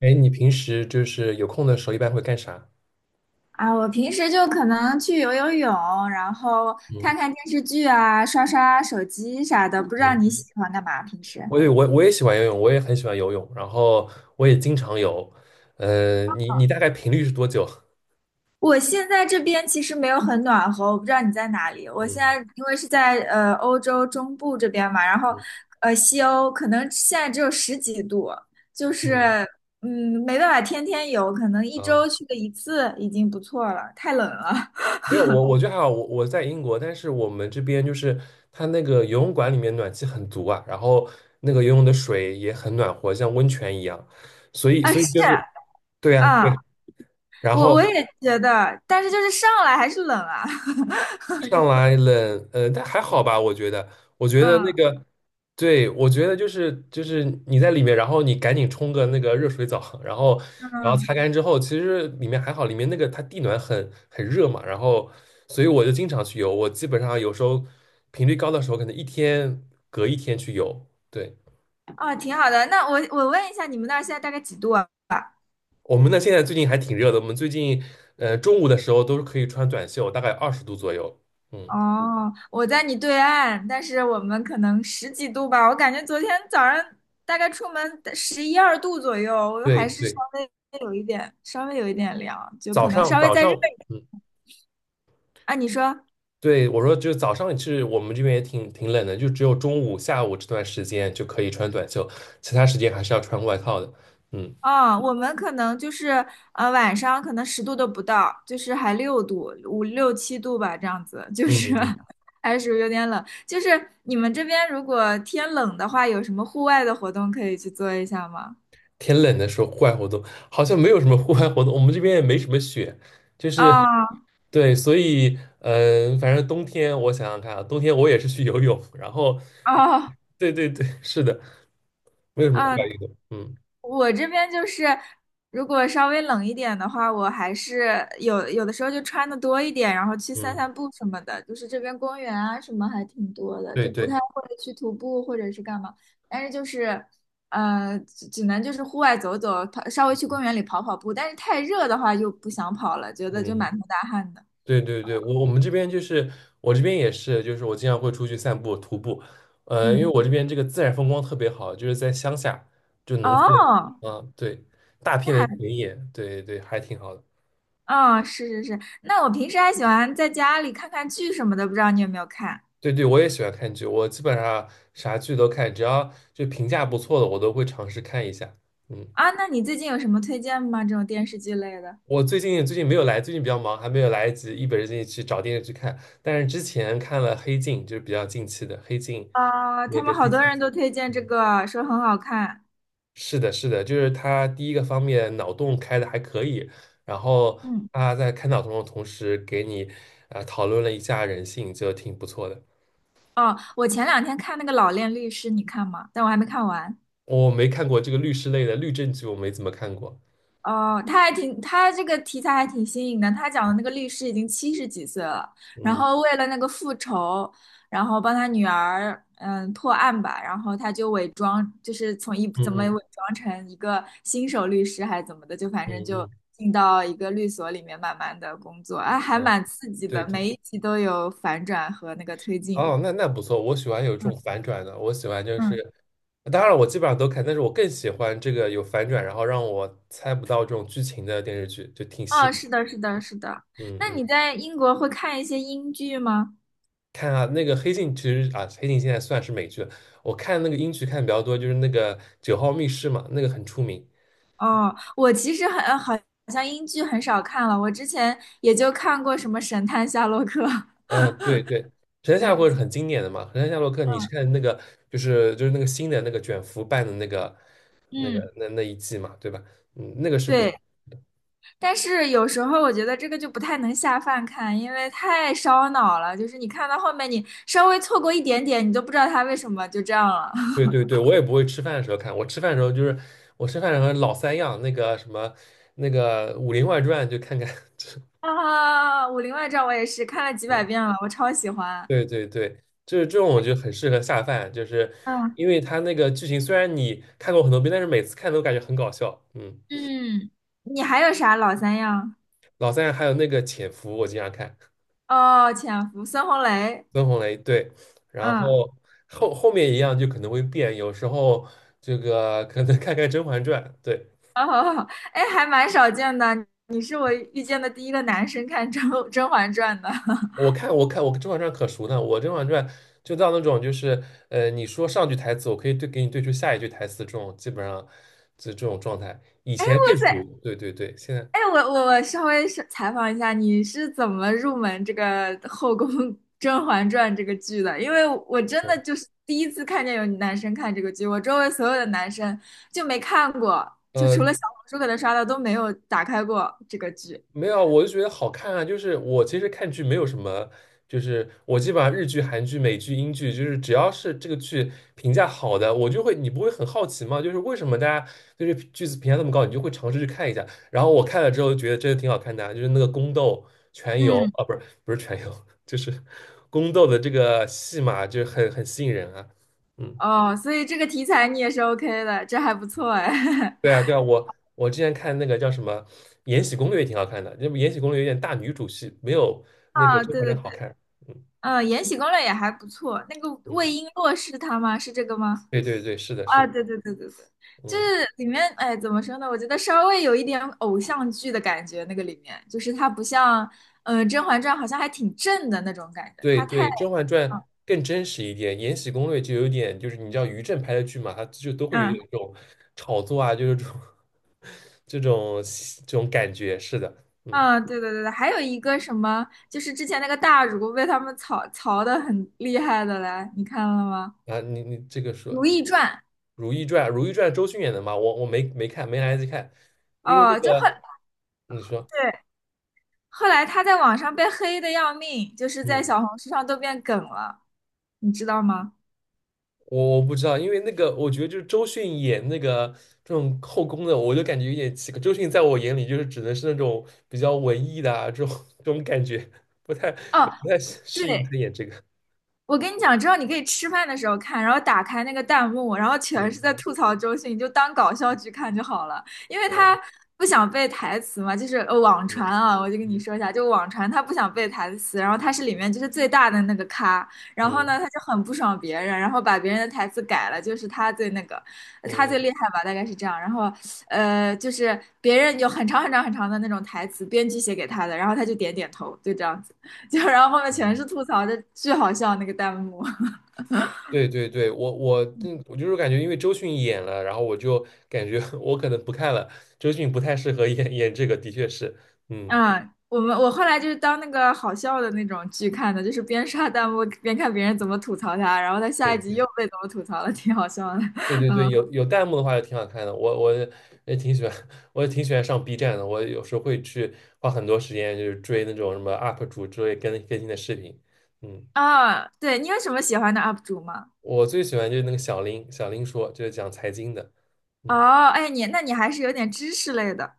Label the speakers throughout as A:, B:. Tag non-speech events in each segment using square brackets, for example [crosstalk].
A: 哎，你平时就是有空的时候一般会干啥？
B: 啊，我平时就可能去游游泳，然后看
A: 嗯
B: 看电视剧啊，刷刷手机啥的。不知道你
A: 嗯，
B: 喜欢干嘛？平时
A: 我也喜欢游泳，我也很喜欢游泳，然后我也经常游。你大概频率是多久？
B: 我现在这边其实没有很暖和，我不知道你在哪里。我现
A: 嗯
B: 在因为是在欧洲中部这边嘛，然后
A: 嗯
B: 西欧可能现在只有十几度，就是
A: 嗯
B: 没办法天天游，可能一
A: 啊，
B: 周去个一次已经不错了，太冷了。
A: 没有，我觉得还好，我在英国，但是我们这边就是它那个游泳馆里面暖气很足啊，然后那个游泳的水也很暖和，像温泉一样，所
B: [laughs]
A: 以
B: 啊，
A: 所
B: 是
A: 以就是对呀、
B: 啊。啊
A: 对，然
B: 我
A: 后。
B: 也觉得，但是就是上来还是冷啊，[laughs] 你
A: 上
B: 会，
A: 来冷，但还好吧，我觉得，我觉得那
B: 嗯
A: 个，对，我觉得就是你在里面，然后你赶紧冲个那个热水澡，然后
B: 嗯，
A: 擦干之后，其实里面还好，里面那个它地暖很热嘛，然后所以我就经常去游，我基本上有时候频率高的时候，可能一天隔一天去游。对，
B: 哦，挺好的。那我问一下，你们那儿现在大概几度啊？
A: 我们呢现在最近还挺热的，我们最近中午的时候都是可以穿短袖，大概20度左右。嗯，
B: 哦，我在你对岸，但是我们可能十几度吧。我感觉昨天早上大概出门十一二度左右，我
A: 对
B: 还是稍
A: 对，
B: 微有一点，稍微有一点凉，就
A: 早
B: 可能
A: 上
B: 稍微
A: 早
B: 再热
A: 上。
B: 一点
A: 嗯。
B: 啊。你说，
A: 对，我说，就是早上其实我们这边也挺冷的，就只有中午、下午这段时间就可以穿短袖，其他时间还是要穿外套的。嗯
B: 啊、我们可能就是晚上可能十度都不到，就是还六度五六七度吧，这样子，就是
A: 嗯，
B: [laughs] 还是属于有点冷。就是你们这边如果天冷的话，有什么户外的活动可以去做一下吗？
A: 天冷的时候户外活动好像没有什么户外活动，我们这边也没什么雪，就是
B: 啊
A: 对，所以反正冬天我想想看啊，冬天我也是去游泳，然后
B: 啊
A: 对对对，是的，没有什么户外
B: 啊！
A: 运动。嗯
B: 我这边就是，如果稍微冷一点的话，我还是有的时候就穿的多一点，然后去散
A: 嗯，
B: 散步什么的。就是这边公园啊什么还挺多的，
A: 对
B: 就不
A: 对，
B: 太会去徒步或者是干嘛。但是就是，只能就是户外走走，跑稍微去公园里跑跑步。但是太热的话就不想跑了，觉得就
A: 嗯。
B: 满头大汗的。
A: 对对对，我们这边就是我这边也是，就是我经常会出去散步、徒步，因为
B: 嗯，
A: 我这边这个自然风光特别好，就是在乡下，就农村，
B: 哦，
A: 啊，对，大
B: 那
A: 片的
B: 还，
A: 田野，对对，还挺好的。
B: 哦，是是是。那我平时还喜欢在家里看看剧什么的，不知道你有没有看？
A: 对对，我也喜欢看剧，我基本上啥剧都看，只要就评价不错的，我都会尝试看一下。嗯，
B: 啊，那你最近有什么推荐吗？这种电视剧类的？
A: 我最近没有来，最近比较忙，还没有来得及一本正经去找电视剧看，但是之前看了《黑镜》，就是比较近期的《黑镜》
B: 啊，他
A: 那
B: 们
A: 个
B: 好
A: 第
B: 多
A: 七
B: 人都
A: 集。
B: 推荐这
A: 嗯。
B: 个，说很好看。
A: 是的，是的，就是他第一个方面脑洞开的还可以，然后
B: 嗯，
A: 他在开脑洞的同时给你讨论了一下人性，就挺不错的。
B: 哦，我前两天看那个《老练律师》，你看吗？但我还没看完。
A: 我没看过这个律师类的律政剧，我没怎么看过。
B: 哦，他还挺，他这个题材还挺新颖的。他讲的那个律师已经七十几岁了，然
A: 嗯
B: 后为了那个复仇，然后帮他女儿破案吧，然后他就伪装，就是从一
A: 嗯
B: 怎么
A: 嗯
B: 伪装成一个新手律师还是怎么的，就反
A: 嗯
B: 正就
A: 嗯，
B: 进到一个律所里面慢慢的工作，哎，还
A: 哦，
B: 蛮刺激
A: 对
B: 的，每
A: 对，
B: 一集都有反转和那个推进。
A: 哦，那不错，我喜欢有这
B: 嗯
A: 种反转的，我喜欢就是，
B: 嗯，
A: 当然了我基本上都看，但是我更喜欢这个有反转，然后让我猜不到这种剧情的电视剧，就挺吸
B: 哦，
A: 引。
B: 是的，是的，是的。
A: 嗯
B: 那
A: 嗯。
B: 你在英国会看一些英剧吗？
A: 看啊，那个《黑镜》其实啊，《黑镜》现在算是美剧了。我看那个英剧看的比较多，就是那个《九号密室》嘛，那个很出名。
B: 哦，我其实很好像英剧很少看了，我之前也就看过什么《神探夏洛克》，
A: 嗯，对对，《神
B: [laughs]
A: 探夏洛
B: 对，
A: 克》是很经典的嘛，《神探夏洛克》你是看那个就是那个新的那个卷福办的那个那
B: 嗯，
A: 个那那一季嘛，对吧？嗯，那个是不，
B: 对，但是有时候我觉得这个就不太能下饭看，因为太烧脑了，就是你看到后面，你稍微错过一点点，你都不知道他为什么就这样了。
A: 对
B: [laughs]
A: 对对，我也不会吃饭的时候看，我吃饭的时候老三样，那个什么那个《武林外传》就看看，[laughs]
B: 啊，《武林外传》我也是看了几百
A: 嗯。
B: 遍了，我超喜欢。
A: 对对对，就是这种，我觉得很适合下饭，就是
B: 嗯
A: 因为它那个剧情虽然你看过很多遍，但是每次看都感觉很搞笑。嗯，
B: 嗯，你还有啥老三样？
A: 老三还有那个《潜伏》，我经常看，
B: 哦，《潜伏》孙红雷。
A: 孙红雷对，然
B: 嗯。
A: 后后面一样就可能会变，有时候这个可能看看《甄嬛传》，对
B: [laughs] 好好好，哎，还蛮少见的。你是我遇见的第一个男生看《甄嬛传》的。[laughs] 哇
A: 我《甄嬛传》可熟呢，我《甄嬛传》就到那种就是你说上句台词，我可以对给你对出下一句台词，这种基本上就这种状态，以前更熟，
B: 塞，
A: 对对对，现在
B: 哎，我稍微是采访一下，你是怎么入门这个后宫《甄嬛传》这个剧的？因为我真
A: 嗯。
B: 的就是第一次看见有男生看这个剧，我周围所有的男生就没看过，就除
A: 呃，
B: 了小红书可能刷到都没有打开过这个剧。
A: 没有，我就觉得好看啊。就是我其实看剧没有什么，就是我基本上日剧、韩剧、美剧、英剧，就是只要是这个剧评价好的，我就会，你不会很好奇吗？就是为什么大家对这剧子评价这么高，你就会尝试去看一下。然后我看了之后觉得真的挺好看的啊，就是那个宫斗、全游
B: 嗯，
A: 啊，不是不是全游，[laughs] 就是宫斗的这个戏码，就是很吸引人啊。嗯。
B: 哦，所以这个题材你也是 OK 的，这还不错哎。
A: 对啊，
B: [laughs]
A: 对啊，我之前看那个叫什么《延禧攻略》也挺好看的，那么《延禧攻略》有点大女主戏，没有那个
B: 啊，
A: 《甄
B: 对
A: 嬛
B: 对
A: 传》好
B: 对。
A: 看。嗯
B: 嗯，延禧攻略》也还不错。那个魏
A: 嗯，
B: 璎珞是她吗？是这个吗？
A: 对对对，是的，是
B: 啊，
A: 的，
B: 对对对对对，就
A: 嗯，
B: 是里面，哎，怎么说呢？我觉得稍微有一点偶像剧的感觉，那个里面就是它不像，甄嬛传》好像还挺正的那种感觉，
A: 对
B: 它太，
A: 对，《甄嬛传》
B: 嗯
A: 更真实一点，《延禧攻略》就有点就是你知道于正拍的剧嘛，它就都会有
B: 嗯，
A: 点这种炒作啊，就是这种 [laughs] 这种这种感觉。是的，嗯
B: 啊对对对对，还有一个什么，就是之前那个大儒被他们槽槽的很厉害的来，你看了吗？
A: 啊，你这个
B: 《如
A: 说
B: 懿传》
A: 《如懿传》，《如懿传》周迅演的嘛，我没看，没来得及看，因为那
B: 哦，就很。
A: 个你说。
B: 对，后来他在网上被黑的要命，就是在
A: 嗯。
B: 小红书上都变梗了，你知道吗？
A: 我不知道，因为那个我觉得就是周迅演那个这种后宫的，我就感觉有点奇怪。周迅在我眼里就是只能是那种比较文艺的啊，这种 [laughs] 这种感觉，不太
B: 哦，
A: 不太适应她
B: 对，
A: 演这个。
B: 我跟你讲，之后你可以吃饭的时候看，然后打开那个弹幕，然后全
A: 嗯
B: 是在
A: 嗯
B: 吐槽周迅，你就当搞笑剧看就好了，因为
A: 嗯
B: 他不想背台词嘛，就是网传
A: 对
B: 啊，我就跟你
A: 嗯
B: 说一下，就网传他不想背台词，然后他是里面就是最大的那个咖，然后
A: 嗯
B: 呢他就很不爽别人，然后把别人的台词改了，就是他最那个，他
A: 嗯
B: 最厉害吧，大概是这样，然后就是别人有很长很长很长的那种台词，编辑写给他的，然后他就点点头，就这样子。就然后后面全
A: 嗯，
B: 是吐槽的，巨好笑那个弹幕。
A: 对对对，我就是感觉因为周迅演了，然后我就感觉 [laughs] 我可能不看了，周迅不太适合演这个，的确是，嗯。
B: 嗯，我们我后来就是当那个好笑的那种剧看的，就是边刷弹幕边看别人怎么吐槽他，然后他下一集
A: 对。
B: 又被怎么吐槽了，挺好笑的。
A: 对对对，
B: 嗯
A: 有弹幕的话就挺好看的，我也挺喜欢，[laughs] 我也挺喜欢上 B 站的，我有时候会去花很多时间，就是追那种什么 UP 主之类更新的视频。嗯，
B: 啊，对你有什么喜欢的 UP 主吗？
A: 我最喜欢就是那个小林，小林说就是讲财经的。嗯
B: 哦，哎，你那你还是有点知识类的。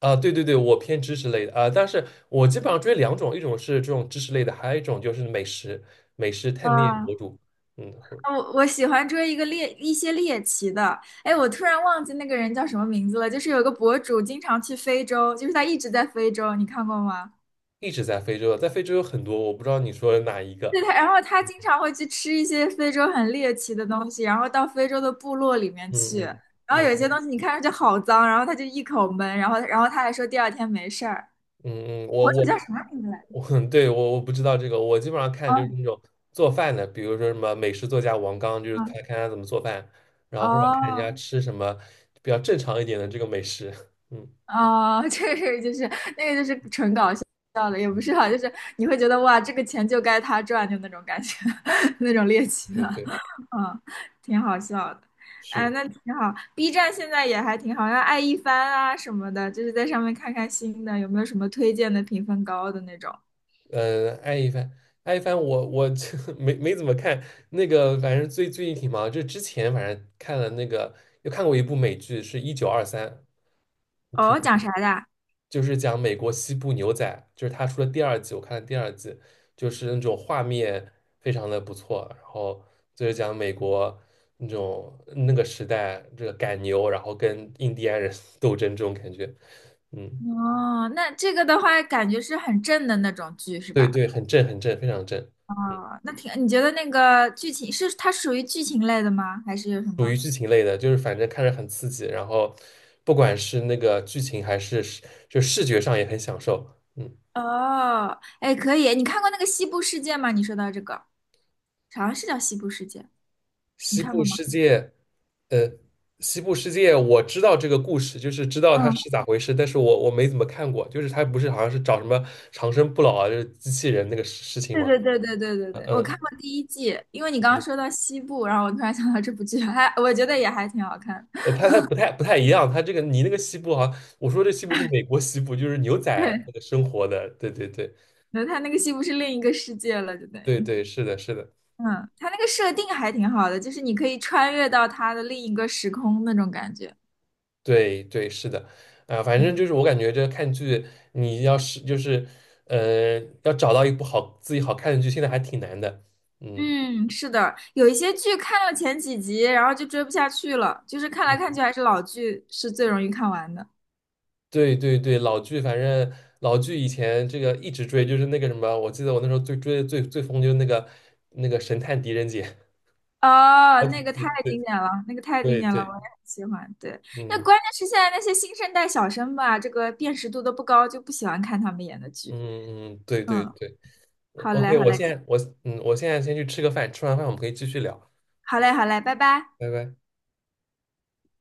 A: 啊，对对对，我偏知识类的啊，但是我基本上追两种，一种是这种知识类的，还有一种就是美食探店博
B: 啊，
A: 主。嗯，我
B: 我喜欢追一个猎一些猎奇的，哎，我突然忘记那个人叫什么名字了，就是有个博主经常去非洲，就是他一直在非洲，你看过吗？
A: 一直在非洲，在非洲有很多，我不知道你说的哪一个。
B: 对他，然后他经常会去吃一些非洲很猎奇的东西，然后到非洲的部落里面
A: 嗯
B: 去，
A: 嗯
B: 然后
A: 嗯
B: 有些东
A: 嗯
B: 西你看上去好脏，然后他就一口闷，然后他还说第二天没事儿。
A: 嗯，我
B: 博主
A: 我
B: 叫啥名字来着？
A: 我 [laughs] 对我不知道这个，我基本上看就是
B: 哦，
A: 那种做饭的，比如说什么美食作家王刚，就是他
B: 嗯，
A: 看他怎么做饭，然后或者看人家
B: 哦，
A: 吃什么比较正常一点的这个美食。[laughs] 嗯，
B: 啊、[laughs] 这个就是那个就是纯搞笑的，也不是啊，就是你会觉得哇，这个钱就该他赚，就那种感觉，[laughs] 那种猎奇的，
A: 对对，
B: 嗯，挺好笑的。
A: 是
B: 哎，
A: 的，
B: 那挺好。B 站现在也还挺好，像爱一番啊什么的，就是在上面看看新的，有没有什么推荐的评分高的那种。
A: 爱一帆，爱一帆，我 [laughs] 没怎么看那个，反正最近挺忙，就之前反正看了那个，又看过一部美剧，是1923，
B: 哦，讲啥的啊
A: 就是讲美国西部牛仔，就是他出了第二季，我看了第二季，就是那种画面非常的不错，然后就是讲美国那种那个时代这个赶牛，然后跟印第安人 [laughs] 斗争这种感觉，嗯，
B: 哦，那这个的话，感觉是很正的那种剧，是
A: 对
B: 吧？
A: 对，很正很正，非常正，嗯，
B: 哦，那挺，你觉得那个剧情是它属于剧情类的吗？还是有什
A: 属于
B: 么？
A: 剧情类的，就是反正看着很刺激，然后不管是那个剧情还是视觉上也很享受，嗯。
B: 哦，哎，可以，你看过那个西部世界吗？你说到这个，好像是叫西部世界，你
A: 西
B: 看
A: 部
B: 过吗？
A: 世界，呃，我知道这个故事，就是知道它
B: 嗯，
A: 是咋回事，但是我没怎么看过，就是它不是好像是找什么长生不老啊，就是机器人那个事情
B: 对
A: 吗？
B: 对对对对对
A: 嗯
B: 对，我看
A: 嗯，
B: 过第一季，因为你刚刚
A: 嗯
B: 说到西部，然后我突然想到这部剧，还我觉得也还挺好看。
A: 呃，
B: [laughs]
A: 它不太一样，它这个你那个西部好像，我说这西部是美国西部，就是牛仔
B: 对，
A: 那个生活的，对对对
B: 那他那个西部是另一个世界了，就等
A: 对
B: 于，
A: 对，是的是的，
B: 嗯，他那个设定还挺好的，就是你可以穿越到他的另一个时空那种感觉。
A: 对对是的，啊、反正
B: 嗯。
A: 就是我感觉这看剧，你要是就是呃要找到一部自己好看的剧，现在还挺难的，嗯。
B: 嗯，是的，有一些剧看了前几集，然后就追不下去了，就是看来看去
A: 嗯
B: 还是老剧是最容易看完的。
A: 对对对，老剧，反正老剧以前这个一直追，就是那个什么，我记得我那时候最追的最疯就是那个神探狄仁杰，[laughs]
B: 哦，
A: 好几
B: 那个
A: 季，
B: 太
A: 对
B: 经典了，那个太经
A: 对
B: 典了，我也
A: 对，
B: 很喜欢。对，那
A: 嗯
B: 关键是现在那些新生代小生吧，这个辨识度都不高，就不喜欢看他们演的剧。
A: 嗯嗯，对对
B: 嗯，
A: 对
B: 好
A: o
B: 嘞，
A: k
B: 好
A: 我
B: 嘞，
A: 现在我现在先去吃个饭，吃完饭我们可以继续聊，
B: 好嘞，好嘞，拜拜。
A: 拜拜。